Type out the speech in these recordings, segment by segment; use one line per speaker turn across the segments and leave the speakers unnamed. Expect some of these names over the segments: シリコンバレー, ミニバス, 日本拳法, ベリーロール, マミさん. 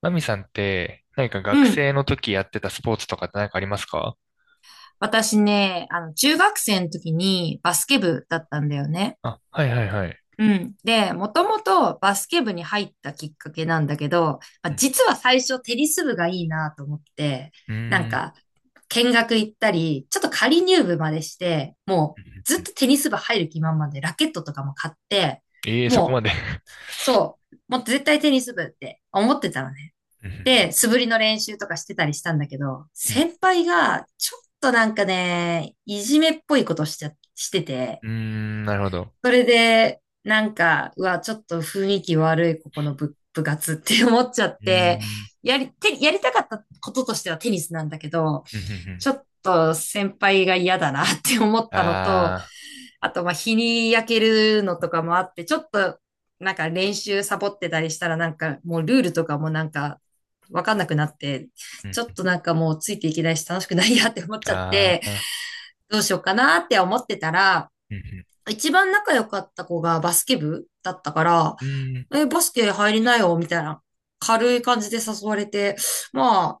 マミさんって、何か学
うん。
生の時やってたスポーツとかって何かありますか？
私ね、中学生の時にバスケ部だったんだよね。
あ、はいはいはい。
うん。で、もともとバスケ部に入ったきっかけなんだけど、まあ、
うん。
実は最初テニス部がいいなと思って、
う
なん
ーん。
か、見学行ったり、ちょっと仮入部までして、もうずっとテニス部入る気満々でラケットとかも買って、
ええー、そこま
も
で。
う、そう、もう絶対テニス部って思ってたのね。
うん。
で、素振りの練習とかしてたりしたんだけど、
うん。
先輩がちょっとなんかね、いじめっぽいことしちゃ、してて、
うん、なるほど。
それで、うわ、ちょっと雰囲気悪いここの部活って思っちゃっ
うー
て、
ん。
やりたかったこととしてはテニスなんだけど、
うん。
ちょっと先輩が嫌だなって思ったのと、
ああ
あと、まあ、日に焼けるのとかもあって、ちょっと、なんか練習サボってたりしたら、なんかもうルールとかもなんか、わかんなくなって、
ー。う
ちょっ
ん。
となんかもうついていけないし楽しくないやって思っちゃっ
あ
て、
あ。
どうしようかなって思ってたら、
うん。
一番仲良かった子がバスケ部だったから、
うん。
え、バスケ入りなよみたいな軽い感じで誘われて、まあ、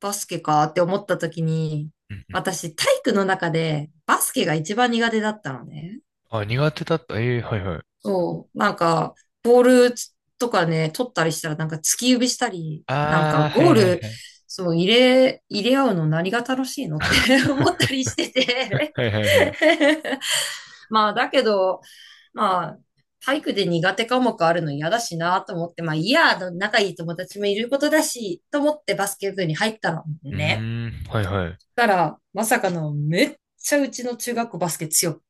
バスケかって思った時に、
うん、
私体育の中でバスケが一番苦手だったのね。
あ、苦手だった。ええー、はいはい。
そう、ボールとかね、取ったりしたら、なんか突き指したり、なん
あ
か
あ、は
ゴ
い
ー
はい
ル、
はい。
そう、入れ合うの何が楽しいのって 思ったり してて
はいはいはい。
まあ、だけど、まあ、体育で苦手科目あるの嫌だしなと思って、まあ、いいや、仲いい友達もいることだし、と思ってバスケ部に入ったの
う
ね。
ーん。はいはい。
たら、まさかの、めっちゃうちの中学校バスケ強く、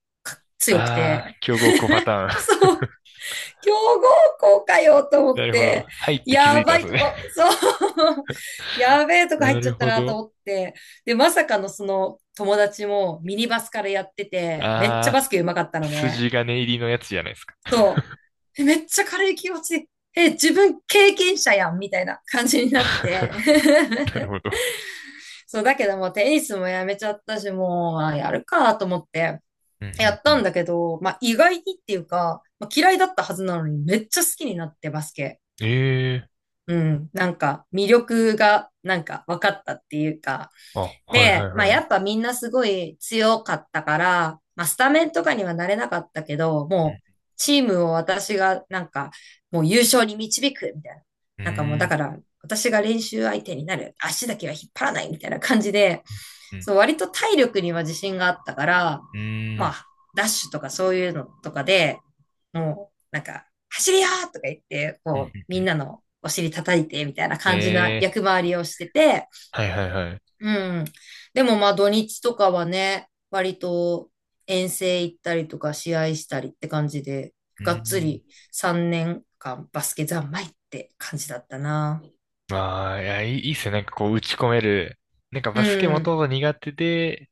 強く
ああ、
て、
強豪校パ ターン。
そう。強豪校かよと 思
な
っ
るほど。
て、
はいって気づ
や
いたん
ば
で
い
す
と
ね。
こ、そう、やべえとこ入
な
っち
る
ゃった
ほ
なと
ど。
思って、で、まさかのその友達もミニバスからやってて、めっちゃバ
あ
ス
あ。
ケ上手かったのね。
筋金入りのやつじゃないですか。
そう。えめっちゃ軽い気持ち。え、自分経験者やんみたいな感じになって。
なるほど。
そう、だけどもうテニスもやめちゃったし、もう、あやるかと思って。
うんう
やっ
んう
たん
ん。
だけど、まあ、意外にっていうか、まあ、嫌いだったはずなのにめっちゃ好きになってバスケ。
ええ、
うん、なんか魅力がなんか分かったっていうか、
あ、はいはい
で、まあ
はい。
やっぱみんなすごい強かったから、まあスタメンとかにはなれなかったけど、
う
も
ん、
うチームを私がなんかもう優勝に導くみたいな。
う
なんかもうだ
ん、
から私が練習相手になる。足だけは引っ張らないみたいな感じで、
うん、う
そう割と体力には自信があったから、
ん、
まあダッシュとかそういうのとかで、もうなんか走りよーとか言って、
うん、
こう
う
みん
ん。
なのお尻叩いてみたいな感じな
ええ、
役回りをしてて、
はいはいはい。
うん。でもまあ土日とかはね、割と遠征行ったりとか試合したりって感じで、
う
がっつ
ん、
り3年間バスケ三昧って感じだったな。
まあ、いや、いいっすよ。なんかこう、打ち込める。なんか
う
バスケもと
ん、
もと苦手で、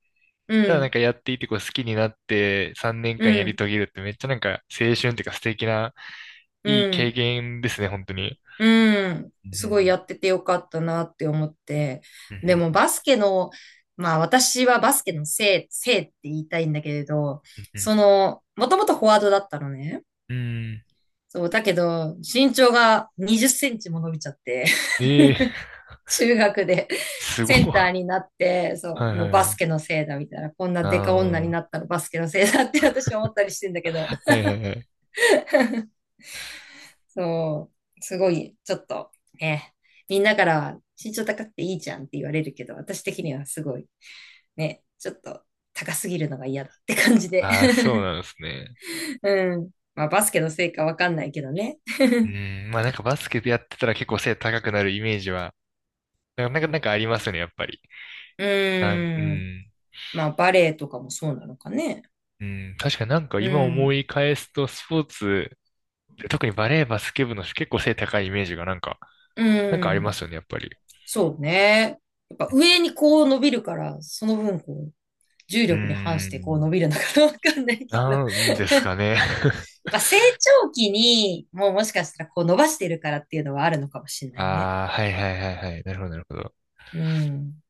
う
ただなん
ん、
かやっていてこう好きになって3年
う
間やり
ん、
遂げるってめっちゃなんか青春っていうか素敵な
う
いい経
ん、
験ですね、本当に。
うん。
う
すごいや
ん、
っててよかったなって思って。
うん、う
でも
ん、
バスケの、まあ私はバスケのせい、せいって言いたいんだけれど、
うん、うん、
その、もともとフォワードだったのね。
うん。うん、
そう、だけど、身長が20センチも伸びちゃって。
ええ、
中学で
すご
セ
い。
ンターになって、そ
は
う、
いは
もう
い
バ
は
ス
い。
ケのせいだみたいな、こんなデカ女に
あ
なったのバスケのせいだって私は思ったりしてんだけど、
あ、はいはいはい。
そう、すごい、ちょっと、ね、みんなからは身長高くていいじゃんって言われるけど、私的にはすごい、ね、ちょっと高すぎるのが嫌だって感じで。
ああ、そう なんですね。
うん。まあ、バスケのせいかわかんないけどね。
うん、まあなんかバスケやってたら結構背高くなるイメージは、なんかなんかありますね、やっぱり。
う
う
ーん。
ん、
まあ、バレエとかもそうなのかね。
うん、確かになんか
う
今思
ん。
い返すとスポーツ、特にバレーバスケ部の人結構背高いイメージがなんか、
う
なんかありま
ん。
すよね、やっぱり。
そうね。やっぱ上にこう伸びるから、その分こう、重
う
力に反し
ー
てこう
ん、
伸びるのかな わかんないけど
なんですか ね。
まあ成長期にもうもしかしたらこう伸ばしてるからっていうのはあるのかもしれないね。
ああ、はいはいはいはい。なるほどなるほど。
うん。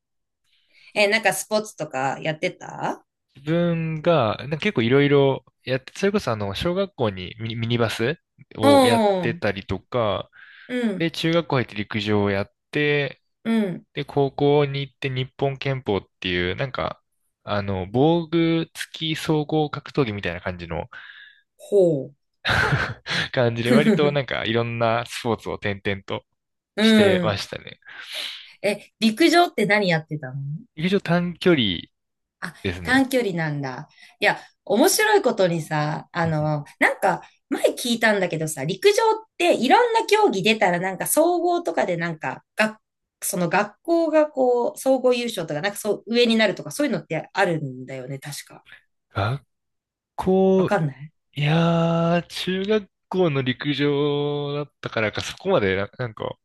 え、なんかスポーツとかやってた。
自分が、なんか結構いろいろやって、それこそあの、小学校にミニバス
う
をやって
ん。
たりとか、
うん。
で、中学校入って陸上をやって、
うん。
で、高校に行って日本拳法っていう、なんか、あの、防具付き総合格闘技みたいな感じの
ほう。
感じで、割となん かいろんなスポーツを転々と
う
してま
ん。
したね。
え、陸上って何やってたの？
陸上短距離
あ、
ですね。
短距離なんだ。いや、面白いことにさ、
うんうん、
前聞いたんだけどさ、陸上っていろんな競技出たら、なんか総合とかでなんか、が、その学校がこう、総合優勝とか、なんかそう、上になるとか、そういうのってあるんだよね、確か。
学
わ
校、
かんない。
いやー、中学校の陸上だったからか、そこまでなんか、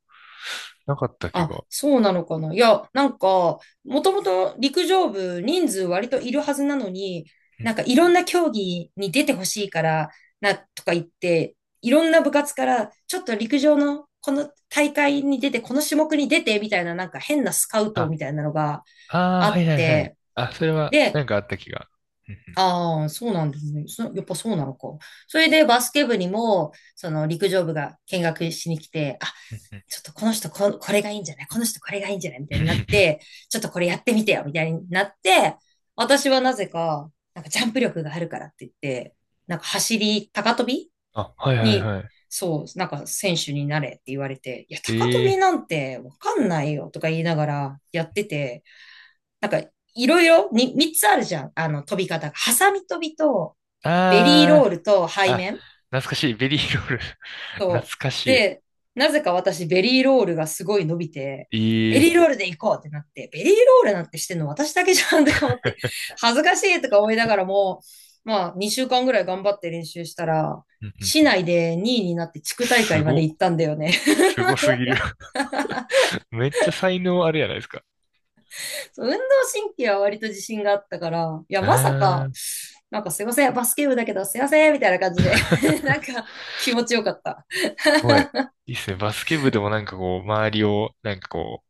なかった気
あ、
が。
そうなのかな。いや、なんか、もともと陸上部人数割といるはずなのに、
う
な
ん、
んかいろんな競技に出てほしいから、な、とか言って、いろんな部活から、ちょっと陸上のこの大会に出て、この種目に出て、みたいななんか変なスカウト
あ、
みたいなのが
あー、
あ
は
っ
いはいはい。
て、
あ、それは、なんかあった気が。うん
ああ、そうなんですね。そ、やっぱそうなのか。それでバスケ部にも、その陸上部が見学しに来て、
うんうん、うん、
ちょっとこの人こ、これがいいんじゃないこの人これがいいんじゃないみたいになって、ちょっとこれやってみてよみたいになって、私はなぜか、なんかジャンプ力があるからって言って、なんか走り、高跳び
あ、はいはい
に、
はい。
そう、なんか選手になれって言われて、いや、高跳び
ええ
なんてわかんないよとか言いながらやってて、なんか、いろいろ、に、三つあるじゃん。あの、飛び方が。ハサミ飛びと、
ー、
ベリーロ
あ
ールと
ー、
背
あ、
面
懐かしい。ベリーロール。懐
と、
かし
で、なぜか私、ベリーロールがすごい伸びて、ベリ
い。ええ
ーロールで行こうってなって、ベリーロールなんてしてんの私だけじゃんとか思って、
ー、
恥ずかしいとか思いながらも、まあ、2週間ぐらい頑張って練習したら、
うんうん
市
うん、
内で2位になって地区大
す
会まで行
ご。
ったんだよね。
すごすぎる。めっちゃ才能あるやないですか。
そう運動神経は割と自信があったから、いや、
う
まさ
ー
か、
ん。
なんかすいません、バスケ部だけどすいません、みたいな感じで なん か気持ちよかった。
ごい。いいっすね。バスケ部でもなんかこう、周りを、なんかこ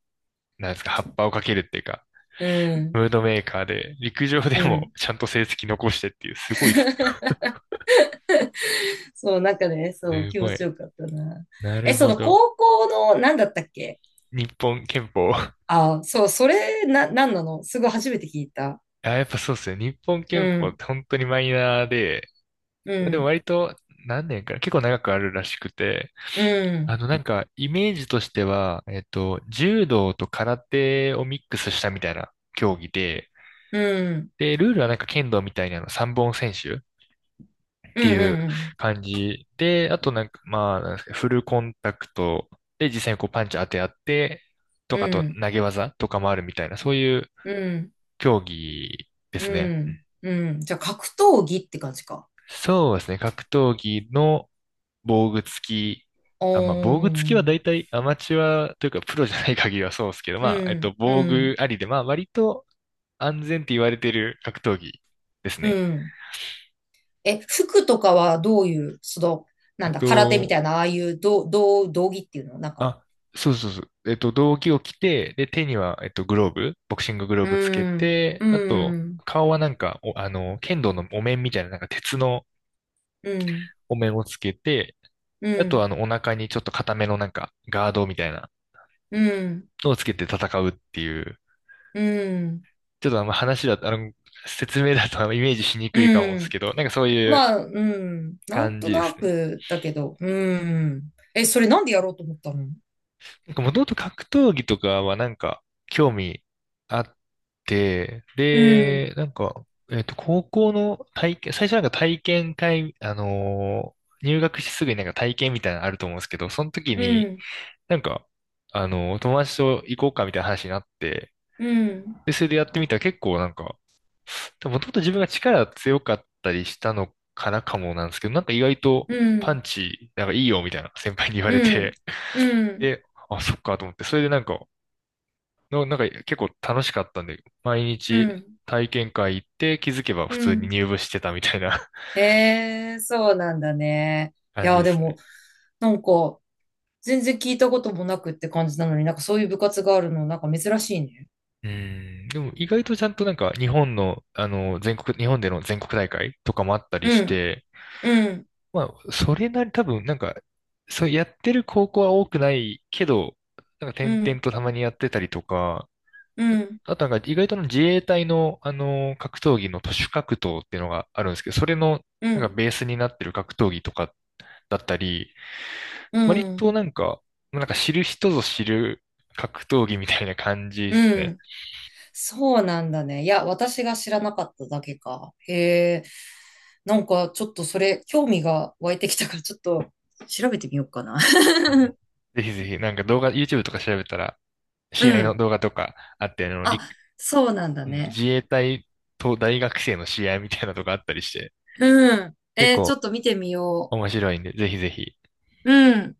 う、なんですか、葉っぱをかけるっていうか、
うん、
ムードメーカーで、陸上
う
でも
ん。
ちゃんと成績残してっていう、すごいっす
そう、なんかね、そう、
ね。す
気持
ご
ち
い。
よかったな。
な
え、
る
そ
ほ
の
ど。
高校の、なんだったっけ？
日本憲法。
あ、そう、それ、な、なんなの？すごい初めて聞いた。
あ、やっぱそうっすね。日本
う
憲法っ
ん、
て本当にマイナーで、
う
でも
ん、
割と何年かな、結構長くあるらしくて、
う
あ
ん、
のなんかイメージとしては、柔道と空手をミックスしたみたいな競技で、
うん、
で、ルールはなんか剣道みたいなの3本選手っ
う
て
ん、
いう
うん、
感じで、あとなんか、まあ、なんですか、フルコンタクトで実際にこうパンチ当て合って、と
う
かあと
ん、
投げ技とかもあるみたいな、そういう
うん、
競技で
う
すね。うん、
ん、うん。じゃあ、格闘技って感じか。
そうですね、格闘技の防具付き、
お
あ、まあ、防具付き
ー
は大
ん。
体アマチュアというかプロじゃない限りはそうですけど、
う
まあ、
ん、
防
う
具
ん、
ありで、まあ、割と安全って言われてる格闘技です
う
ね。
ん。え、服とかはどういう、その、
え
な
っ
んだ、空手みた
と、
いな、ああいう、どどう、道着っていうのなんか、
あ、そうそうそう。えっと、道着を着て、で、手には、えっと、グローブ、ボクシンググロー
う
ブつけ
ん、
て、
う
あと、
ん、
顔はなんか、お、あの、剣道のお面みたいな、なんか鉄の
うん、
お面をつけて、
う
あと、あ
ん、
の、お腹にちょっと固めのなんか、ガードみたいな
うん、
のをつけて戦うっていう、
うん、
ちょっとあの話だと、あの、説明だとあのイメージしにくいかも
う
です
ん。
けど、なんかそういう
まあ、うん、なん
感
と
じで
な
すね。
くだけど、うん。え、それなんでやろうと思ったの？
なんかもともと格闘技とかはなんか興味あって、
うん、
で、なんか、えっと、高校の体験、最初なんか体験会、入学してすぐになんか体験みたいなのあると思うんですけど、その時
う
に
ん、
なんか、あのー友達と行こうかみたいな話になって、
うん、
で、それでやってみたら結構なんか、もともと自分が力強かったりしたのからかもなんですけど、なんか意外と
う
パ
ん、
ンチ、なんかいいよみたいな先輩に言わ
う
れて、
ん、うん、うん、
で、あ、そっかと思って、それでなんか、なんか結構楽しかったんで、毎
う
日
ん。
体験会行って気づけば普
う
通に
ん。
入部してたみたいな
ええ、そうなんだね。い
感じ
や、
で
で
すね。
も、なんか、全然聞いたこともなくって感じなのに、なんかそういう部活があるの、なんか珍しいね。
うん。でも意外とちゃんとなんか日本の、あの、全国、日本での全国大会とかもあったり
う
し
ん、
て、
うん、
まあ、それなり多分なんか、そうやってる高校は多くないけど、なんか
う
点々
ん、
とたまにやってたりとか、
うん、
あとなんか意外とあの自衛隊の、あの格闘技の徒手格闘っていうのがあるんですけど、それの
う
なんか
ん、
ベースになってる格闘技とかだったり、
う
割
ん、
となんか、なんか知る人ぞ知る格闘技みたいな感じです
う
ね。
ん。そうなんだね。いや、私が知らなかっただけか。へえ。なんか、ちょっとそれ、興味が湧いてきたから、ちょっと調べてみようかな。
うんうん、ぜひぜひ、なんか動画、YouTube とか調べたら、
う
試合の
ん。
動画とかあって、あの、陸、
あ、そうなんだ
うん、
ね。
自衛隊と大学生の試合みたいなのとかあったりして、
うん。
結
えーちょ
構
っと見てみよ
面白いんで、ぜひぜひ。
う。うん。